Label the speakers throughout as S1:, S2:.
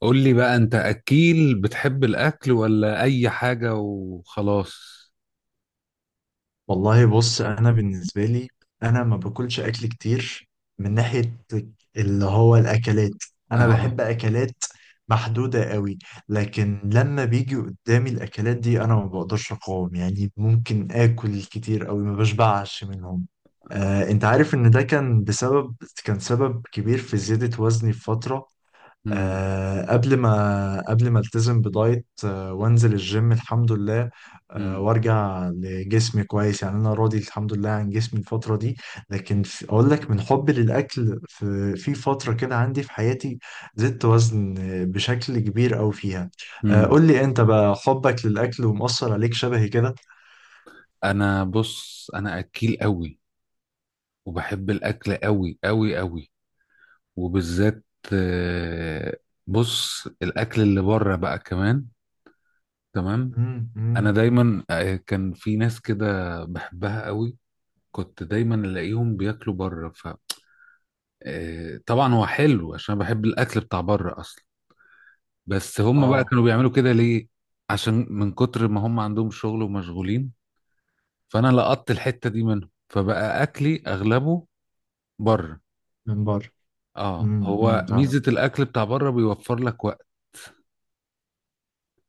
S1: قول لي بقى انت اكيل بتحب الاكل ولا اي حاجه وخلاص؟
S2: والله، بص، انا بالنسبه لي، انا ما باكلش اكل كتير من ناحيه اللي هو الاكلات. انا
S1: اه.
S2: بحب اكلات محدوده قوي، لكن لما بيجي قدامي الاكلات دي انا ما بقدرش اقاوم. يعني ممكن اكل كتير قوي ما بشبعش منهم. انت عارف ان ده كان سبب كبير في زياده وزني في فتره.
S1: امم،
S2: قبل ما التزم بدايت، وانزل الجيم، الحمد لله.
S1: امم،
S2: وارجع لجسمي كويس. يعني انا راضي الحمد لله عن جسمي الفتره دي. لكن اقول لك من حبي للاكل، في فتره كده عندي في حياتي زدت وزن بشكل كبير أوي فيها.
S1: امم.
S2: قول لي انت بقى، حبك للاكل ومؤثر عليك شبهي كده؟
S1: انا، بص، انا اكيل قوي وبحب الاكل قوي قوي قوي. وبالذات آه، بص الاكل اللي بره بقى كمان. تمام. انا
S2: امم.
S1: دايما كان في ناس كده بحبها قوي. كنت دايما الاقيهم بياكلوا بره. ف طبعا هو حلو عشان بحب الاكل بتاع بره اصلا. بس هم بقى
S2: اه.
S1: كانوا بيعملوا كده ليه؟ عشان من كتر ما هم عندهم شغل ومشغولين. فانا لقطت الحتة دي منهم فبقى اكلي اغلبه بره.
S2: من بره.
S1: اه،
S2: امم.
S1: هو ميزة الاكل بتاع بره بيوفر لك وقت.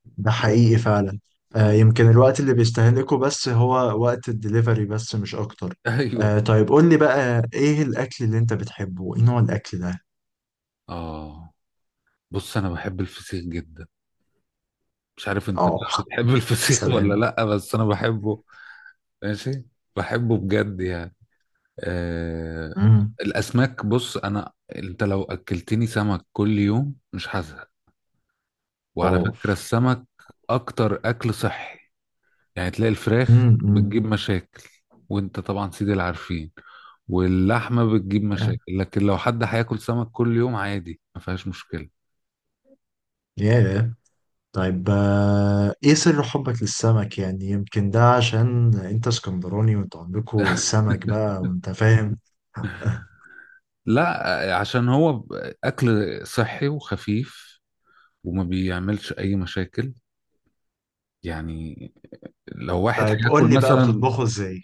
S2: ده حقيقي فعلا.
S1: اه.
S2: يمكن الوقت اللي بيستهلكه بس هو وقت الدليفري بس، مش اكتر.
S1: ايوه.
S2: طيب قول لي بقى، ايه الاكل اللي انت بتحبه؟ ايه نوع الاكل ده؟
S1: اه، بص انا بحب الفسيخ جدا. مش عارف انت بقى
S2: اه.
S1: بتحب الفسيخ ولا
S2: سلام.
S1: لا، بس انا بحبه. ماشي. بحبه بجد يعني. آه...
S2: امم.
S1: الاسماك، بص انا، انت لو اكلتني سمك كل يوم مش هزهق. وعلى فكرة
S2: اوف.
S1: السمك أكتر أكل صحي. يعني تلاقي الفراخ
S2: امم. أمم.
S1: بتجيب مشاكل، وأنت طبعا سيدي العارفين، واللحمة بتجيب مشاكل، لكن لو حد هياكل سمك كل يوم عادي ما فيهاش مشكلة.
S2: ياه. طيب، ايه سر حبك للسمك؟ يعني يمكن ده عشان انت اسكندراني، وانت عندكوا السمك بقى، وانت فاهم.
S1: لا، عشان هو أكل صحي وخفيف وما بيعملش أي مشاكل. يعني لو واحد
S2: طيب
S1: هياكل
S2: قول لي بقى،
S1: مثلا.
S2: بتطبخه ازاي؟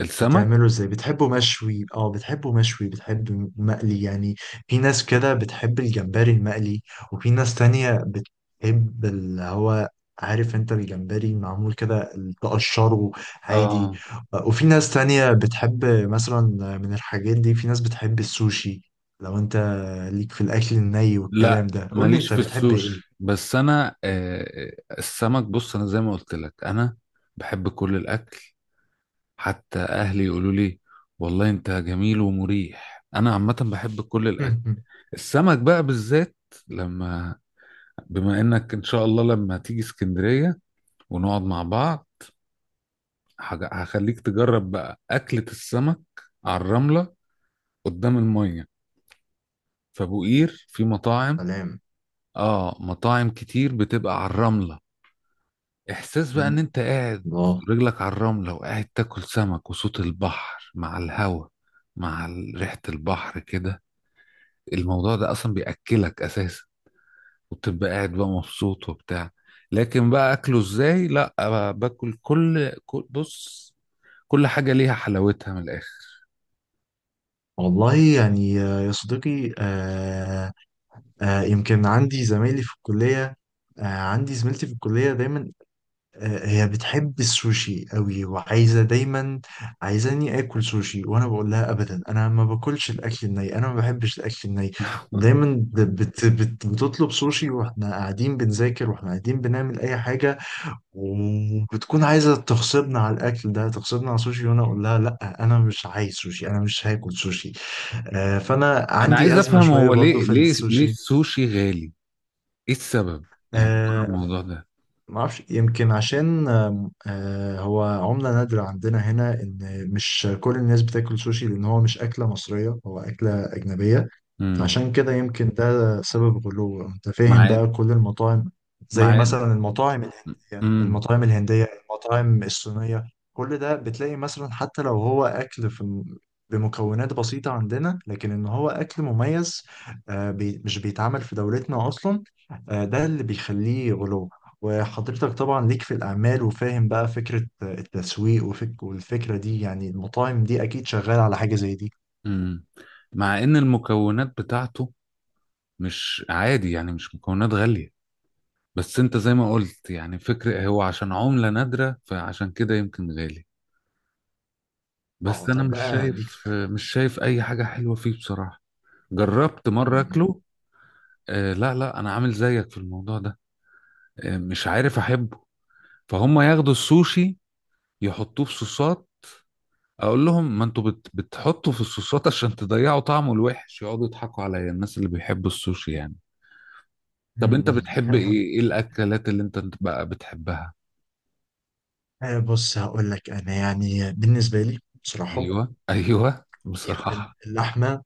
S1: السمك.
S2: بتعمله ازاي؟ بتحبه مشوي، بتحبه مشوي بتحبه مقلي؟ يعني في ناس كده بتحب الجمبري المقلي، وفي ناس تانية بتحب اللي هو، عارف انت الجمبري معمول كده تقشره عادي.
S1: اه.
S2: وفي ناس تانية بتحب مثلا من الحاجات دي، في ناس بتحب السوشي. لو انت ليك في الاكل الني والكلام
S1: لا
S2: ده، قول لي
S1: ماليش
S2: انت
S1: في
S2: بتحب ايه؟
S1: السوشي، بس انا السمك، بص انا زي ما قلت لك، انا بحب كل الاكل. حتى اهلي يقولوا لي والله انت جميل ومريح. انا عامه بحب كل الاكل. السمك بقى بالذات، لما، بما انك ان شاء الله لما تيجي اسكندريه ونقعد مع بعض، هخليك تجرب بقى اكله السمك على الرمله قدام الميه في ابو قير. في مطاعم.
S2: سلام.
S1: اه، مطاعم كتير بتبقى على الرمله. احساس بقى
S2: مم.
S1: ان انت قاعد
S2: الله.
S1: رجلك على الرملة وقاعد تاكل سمك، وصوت البحر مع الهوا مع ريحة البحر كده، الموضوع ده اصلا بيأكلك اساسا، وبتبقى قاعد بقى مبسوط وبتاع. لكن بقى اكله ازاي؟ لا، بقى باكل كل بص، كل حاجة ليها حلاوتها من الاخر.
S2: والله يعني، يا صديقي. يمكن عندي زمايلي في الكلية، عندي زميلتي في الكلية دايما، هي بتحب السوشي قوي وعايزة دايما، عايزاني آكل سوشي. وأنا بقول لها أبدا، أنا ما باكلش الأكل الني، أنا ما بحبش الأكل الني. ودايما ب- بت بت بتطلب سوشي وإحنا قاعدين بنذاكر، وإحنا قاعدين بنعمل أي حاجة. وبتكون عايزة تغصبنا على الأكل ده، تغصبنا على سوشي، وأنا أقول لها لأ أنا مش عايز سوشي، أنا مش هاكل سوشي. فأنا
S1: انا عايز
S2: عندي أزمة
S1: افهم
S2: شوية
S1: هو
S2: برضو
S1: ليه
S2: في
S1: ليه
S2: السوشي.
S1: السوشي غالي؟ ايه السبب يعني ورا
S2: آه،
S1: الموضوع ده؟
S2: ما اعرفش، يمكن عشان هو عملة نادرة عندنا هنا، ان مش كل الناس بتاكل سوشي، لان هو مش اكلة مصرية، هو اكلة اجنبية.
S1: امم.
S2: فعشان كده يمكن ده سبب غلوه. انت فاهم
S1: مع.
S2: بقى، كل المطاعم زي
S1: مع.
S2: مثلا المطاعم الهندية
S1: امم.
S2: المطاعم الهندية المطاعم الصينية، كل ده بتلاقي مثلا، حتى لو هو أكل بمكونات بسيطة عندنا، لكن إن هو أكل مميز مش بيتعمل في دولتنا أصلا. ده اللي بيخليه غلو. وحضرتك طبعا ليك في الأعمال وفاهم بقى فكرة التسويق والفكرة دي. يعني المطاعم دي أكيد شغالة على حاجة زي دي.
S1: مم. مع ان المكونات بتاعته مش عادي يعني، مش مكونات غالية. بس انت زي ما قلت يعني، فكرة هو عشان عملة نادرة، فعشان كده يمكن غالي.
S2: اه،
S1: بس انا
S2: طيب
S1: مش
S2: بقى أديك
S1: شايف مش شايف اي حاجة حلوة فيه بصراحة. جربت مرة
S2: سؤال.
S1: اكله. لا لا، انا عامل زيك في الموضوع ده. مش عارف احبه. فهم ياخدوا السوشي يحطوه في صوصات، اقول لهم ما انتوا بتحطوا في الصوصات عشان تضيعوا طعمه الوحش. يقعدوا يضحكوا عليا الناس اللي بيحبوا السوشي يعني. طب انت
S2: مم.
S1: بتحب ايه؟ ايه الاكلات اللي انت بقى بتحبها؟
S2: بص هقول لك انا، يعني بالنسبه لي بصراحه
S1: ايوه، ايوه،
S2: يمكن
S1: بصراحه.
S2: اللحمه.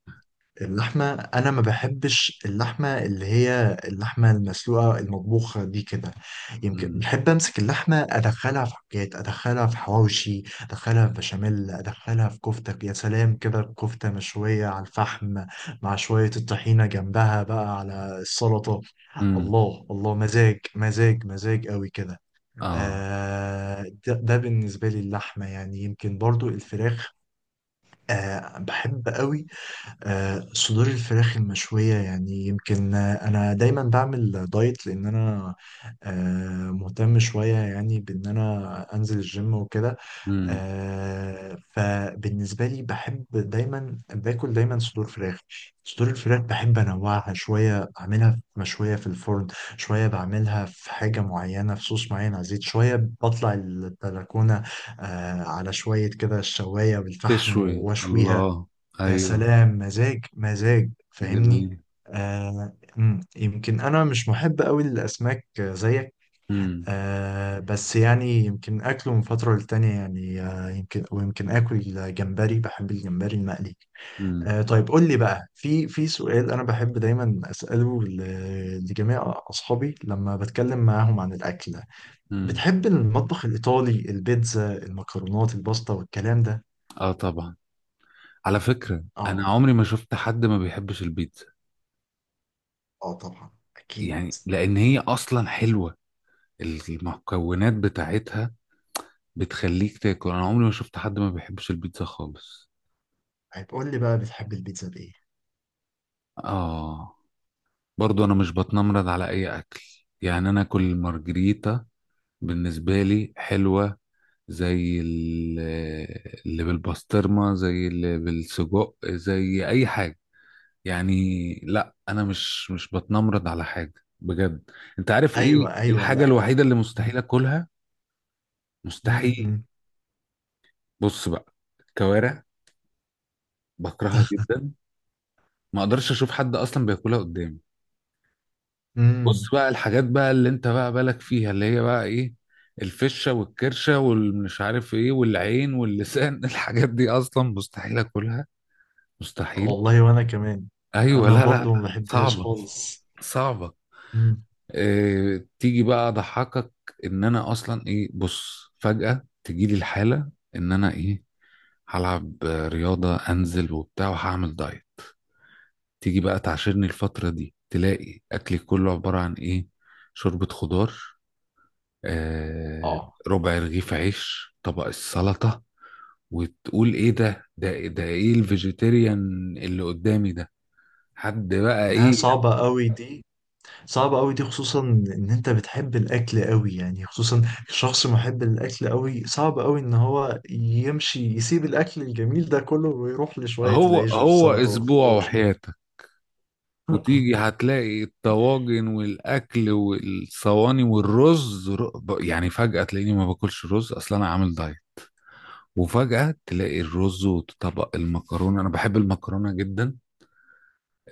S2: اللحمه، انا ما بحبش اللحمه اللي هي اللحمه المسلوقه المطبوخه دي كده. يمكن
S1: امم.
S2: بحب امسك اللحمه ادخلها في حاجات، ادخلها في حواوشي، ادخلها في بشاميل، ادخلها في كفته. يا سلام كده، كفته مشويه على الفحم مع شويه الطحينه جنبها بقى على السلطه.
S1: امم.
S2: الله الله، مزاج مزاج مزاج قوي كده.
S1: اه.
S2: ده بالنسبة لي اللحمة. يعني يمكن برضو الفراخ، بحب قوي. صدور الفراخ المشوية، يعني يمكن أنا دايما بعمل دايت لأن أنا مهتم شوية، يعني بأن أنا أنزل الجيم وكده.
S1: امم.
S2: فبالنسبة لي بحب دايما باكل دايما صدور فراخ. صدور الفراخ بحب أنوعها شوية، أعملها مشوية في الفرن شوية، بعملها في حاجة معينة في صوص معين على الزيت شوية، بطلع البلكونة على شوية كده الشواية بالفحم
S1: تشوي،
S2: وأشويها.
S1: الله.
S2: يا
S1: ايوه.
S2: سلام، مزاج مزاج فاهمني.
S1: جميل.
S2: يمكن انا مش محب قوي للاسماك زيك.
S1: امم.
S2: بس يعني يمكن اكله من فتره للتانيه. يعني يمكن، ويمكن اكل جمبري، بحب الجمبري المقلي.
S1: امم.
S2: طيب قول لي بقى، في سؤال انا بحب دايما اساله لجميع اصحابي لما بتكلم معاهم عن الاكل.
S1: امم.
S2: بتحب المطبخ الايطالي، البيتزا، المكرونات، الباستا والكلام ده؟
S1: اه طبعا. على فكره انا
S2: اه،
S1: عمري ما شفت حد ما بيحبش البيتزا.
S2: اه طبعا اكيد.
S1: يعني لان هي اصلا حلوه، المكونات بتاعتها بتخليك تاكل. انا عمري ما شفت حد ما بيحبش البيتزا خالص.
S2: هتقول لي بقى بتحب البيتزا بايه؟
S1: اه. برضو انا مش بتنمرض على اي اكل، يعني انا كل مارجريتا بالنسبه لي حلوه، زي اللي بالبسطرمه، زي اللي بالسجق، زي اي حاجه يعني. لا، انا مش بتنمرض على حاجه بجد. انت عارف ايه
S2: ايوه، ايوه.
S1: الحاجه
S2: لا.
S1: الوحيده اللي
S2: مم،
S1: مستحيل اكلها؟
S2: مم،
S1: مستحيل.
S2: مم،
S1: بص بقى، الكوارع، بكرهها جدا. ما اقدرش اشوف حد اصلا بياكلها قدامي. بص
S2: مم.
S1: بقى الحاجات بقى اللي انت بقى بالك فيها اللي هي بقى ايه، الفشة والكرشة والمش عارف ايه والعين واللسان، الحاجات دي اصلا مستحيل اكلها. مستحيل.
S2: والله وانا كمان.
S1: ايوه،
S2: انا
S1: لا، لا، لا،
S2: برضو ما بحبهاش
S1: صعبة،
S2: خالص.
S1: صعبة.
S2: مم.
S1: إيه تيجي بقى اضحكك، ان انا اصلا ايه، بص فجأة تجيلي الحالة ان انا ايه، هلعب رياضة انزل وبتاع وهعمل دايت. تيجي بقى تعاشرني الفترة دي تلاقي اكلي كله عبارة عن ايه، شوربة خضار، آه،
S2: اه،
S1: ربع رغيف عيش، طبق السلطة. وتقول ايه ده، ده ايه الفيجيتيريان اللي قدامي ده؟ حد بقى
S2: لا
S1: ايه.
S2: صعبة قوي دي. صعبة قوي دي خصوصا ان انت بتحب الاكل قوي، يعني خصوصا شخص محب للاكل قوي، صعب قوي ان هو يمشي يسيب الاكل الجميل ده كله ويروح لشوية
S1: هو
S2: العيش
S1: هو
S2: والسلطة
S1: اسبوع
S2: والخضار.
S1: وحياتك، وتيجي هتلاقي الطواجن والاكل والصواني والرز، يعني فجأة تلاقيني ما باكلش رز اصلا، انا عامل دايت. وفجأة تلاقي الرز وطبق المكرونة، أنا بحب المكرونة جدا.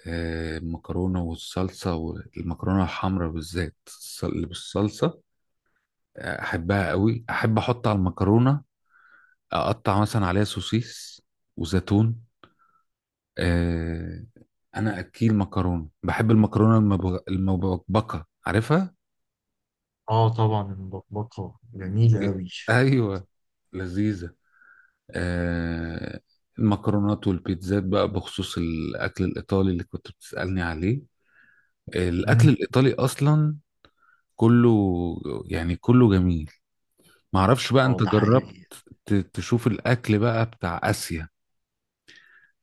S1: المكرونة والصلصة، والمكرونة الحمراء بالذات، اللي بالصلصة احبها قوي. احب احط على المكرونه، اقطع مثلا عليها سوسيس وزيتون. أه. انا اكيل مكرونه، بحب المكرونه المبكبكه، عارفها؟
S2: اه، طبعا المبكبكة جميلة قوي.
S1: ايوه، لذيذه. أه. المكرونات والبيتزات بقى، بخصوص الاكل الايطالي اللي كنت بتسالني عليه، الاكل
S2: مم.
S1: الايطالي اصلا كله، يعني كله جميل. معرفش بقى
S2: اه،
S1: انت
S2: ده
S1: جربت
S2: حقيقي.
S1: تشوف الاكل بقى بتاع اسيا؟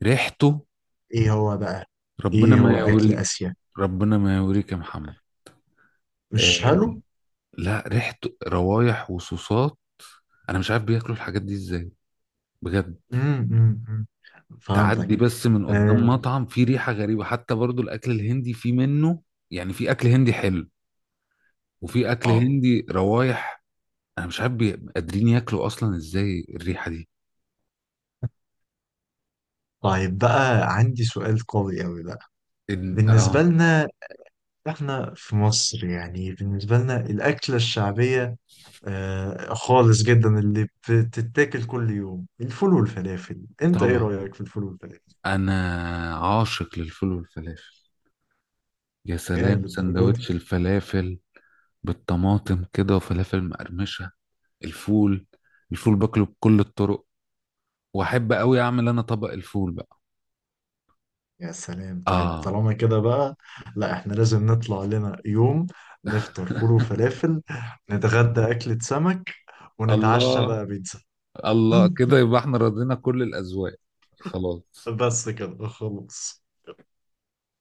S1: ريحته
S2: ايه هو بقى؟
S1: ربنا
S2: ايه
S1: ما
S2: هو اكل
S1: يوري.
S2: اسيا؟
S1: ربنا ما يوريك يا محمد.
S2: مش
S1: آه.
S2: حلو.
S1: لا، ريحة، روايح وصوصات، انا مش عارف بياكلوا الحاجات دي ازاي بجد.
S2: امم. فهمتك.
S1: تعدي بس من قدام
S2: اه.
S1: مطعم فيه ريحة غريبة. حتى برضو الاكل الهندي فيه منه، يعني في اكل هندي حلو وفي اكل
S2: آه.
S1: هندي روايح. انا مش عارف قادرين ياكلوا اصلا ازاي الريحة دي.
S2: طيب بقى عندي سؤال قوي قوي بقى. بالنسبة
S1: اه.
S2: لنا احنا في مصر، يعني بالنسبة لنا الأكلة الشعبية خالص جدا اللي بتتاكل كل يوم، الفول والفلافل، انت ايه
S1: طبعا
S2: رأيك في الفول والفلافل؟
S1: انا عاشق للفول والفلافل. يا
S2: يا
S1: سلام
S2: للدرجة دي.
S1: سندوتش الفلافل بالطماطم كده، وفلافل مقرمشة. الفول، الفول باكله بكل الطرق، واحب قوي اعمل انا طبق الفول بقى.
S2: يا سلام، طيب
S1: اه.
S2: طالما كده بقى، لا احنا لازم نطلع لنا يوم، نفطر فول وفلافل، نتغدى أكلة سمك، ونتعشى
S1: الله.
S2: بقى بيتزا.
S1: الله، كده يبقى احنا رضينا كل الاذواق. خلاص.
S2: بس كده خلاص.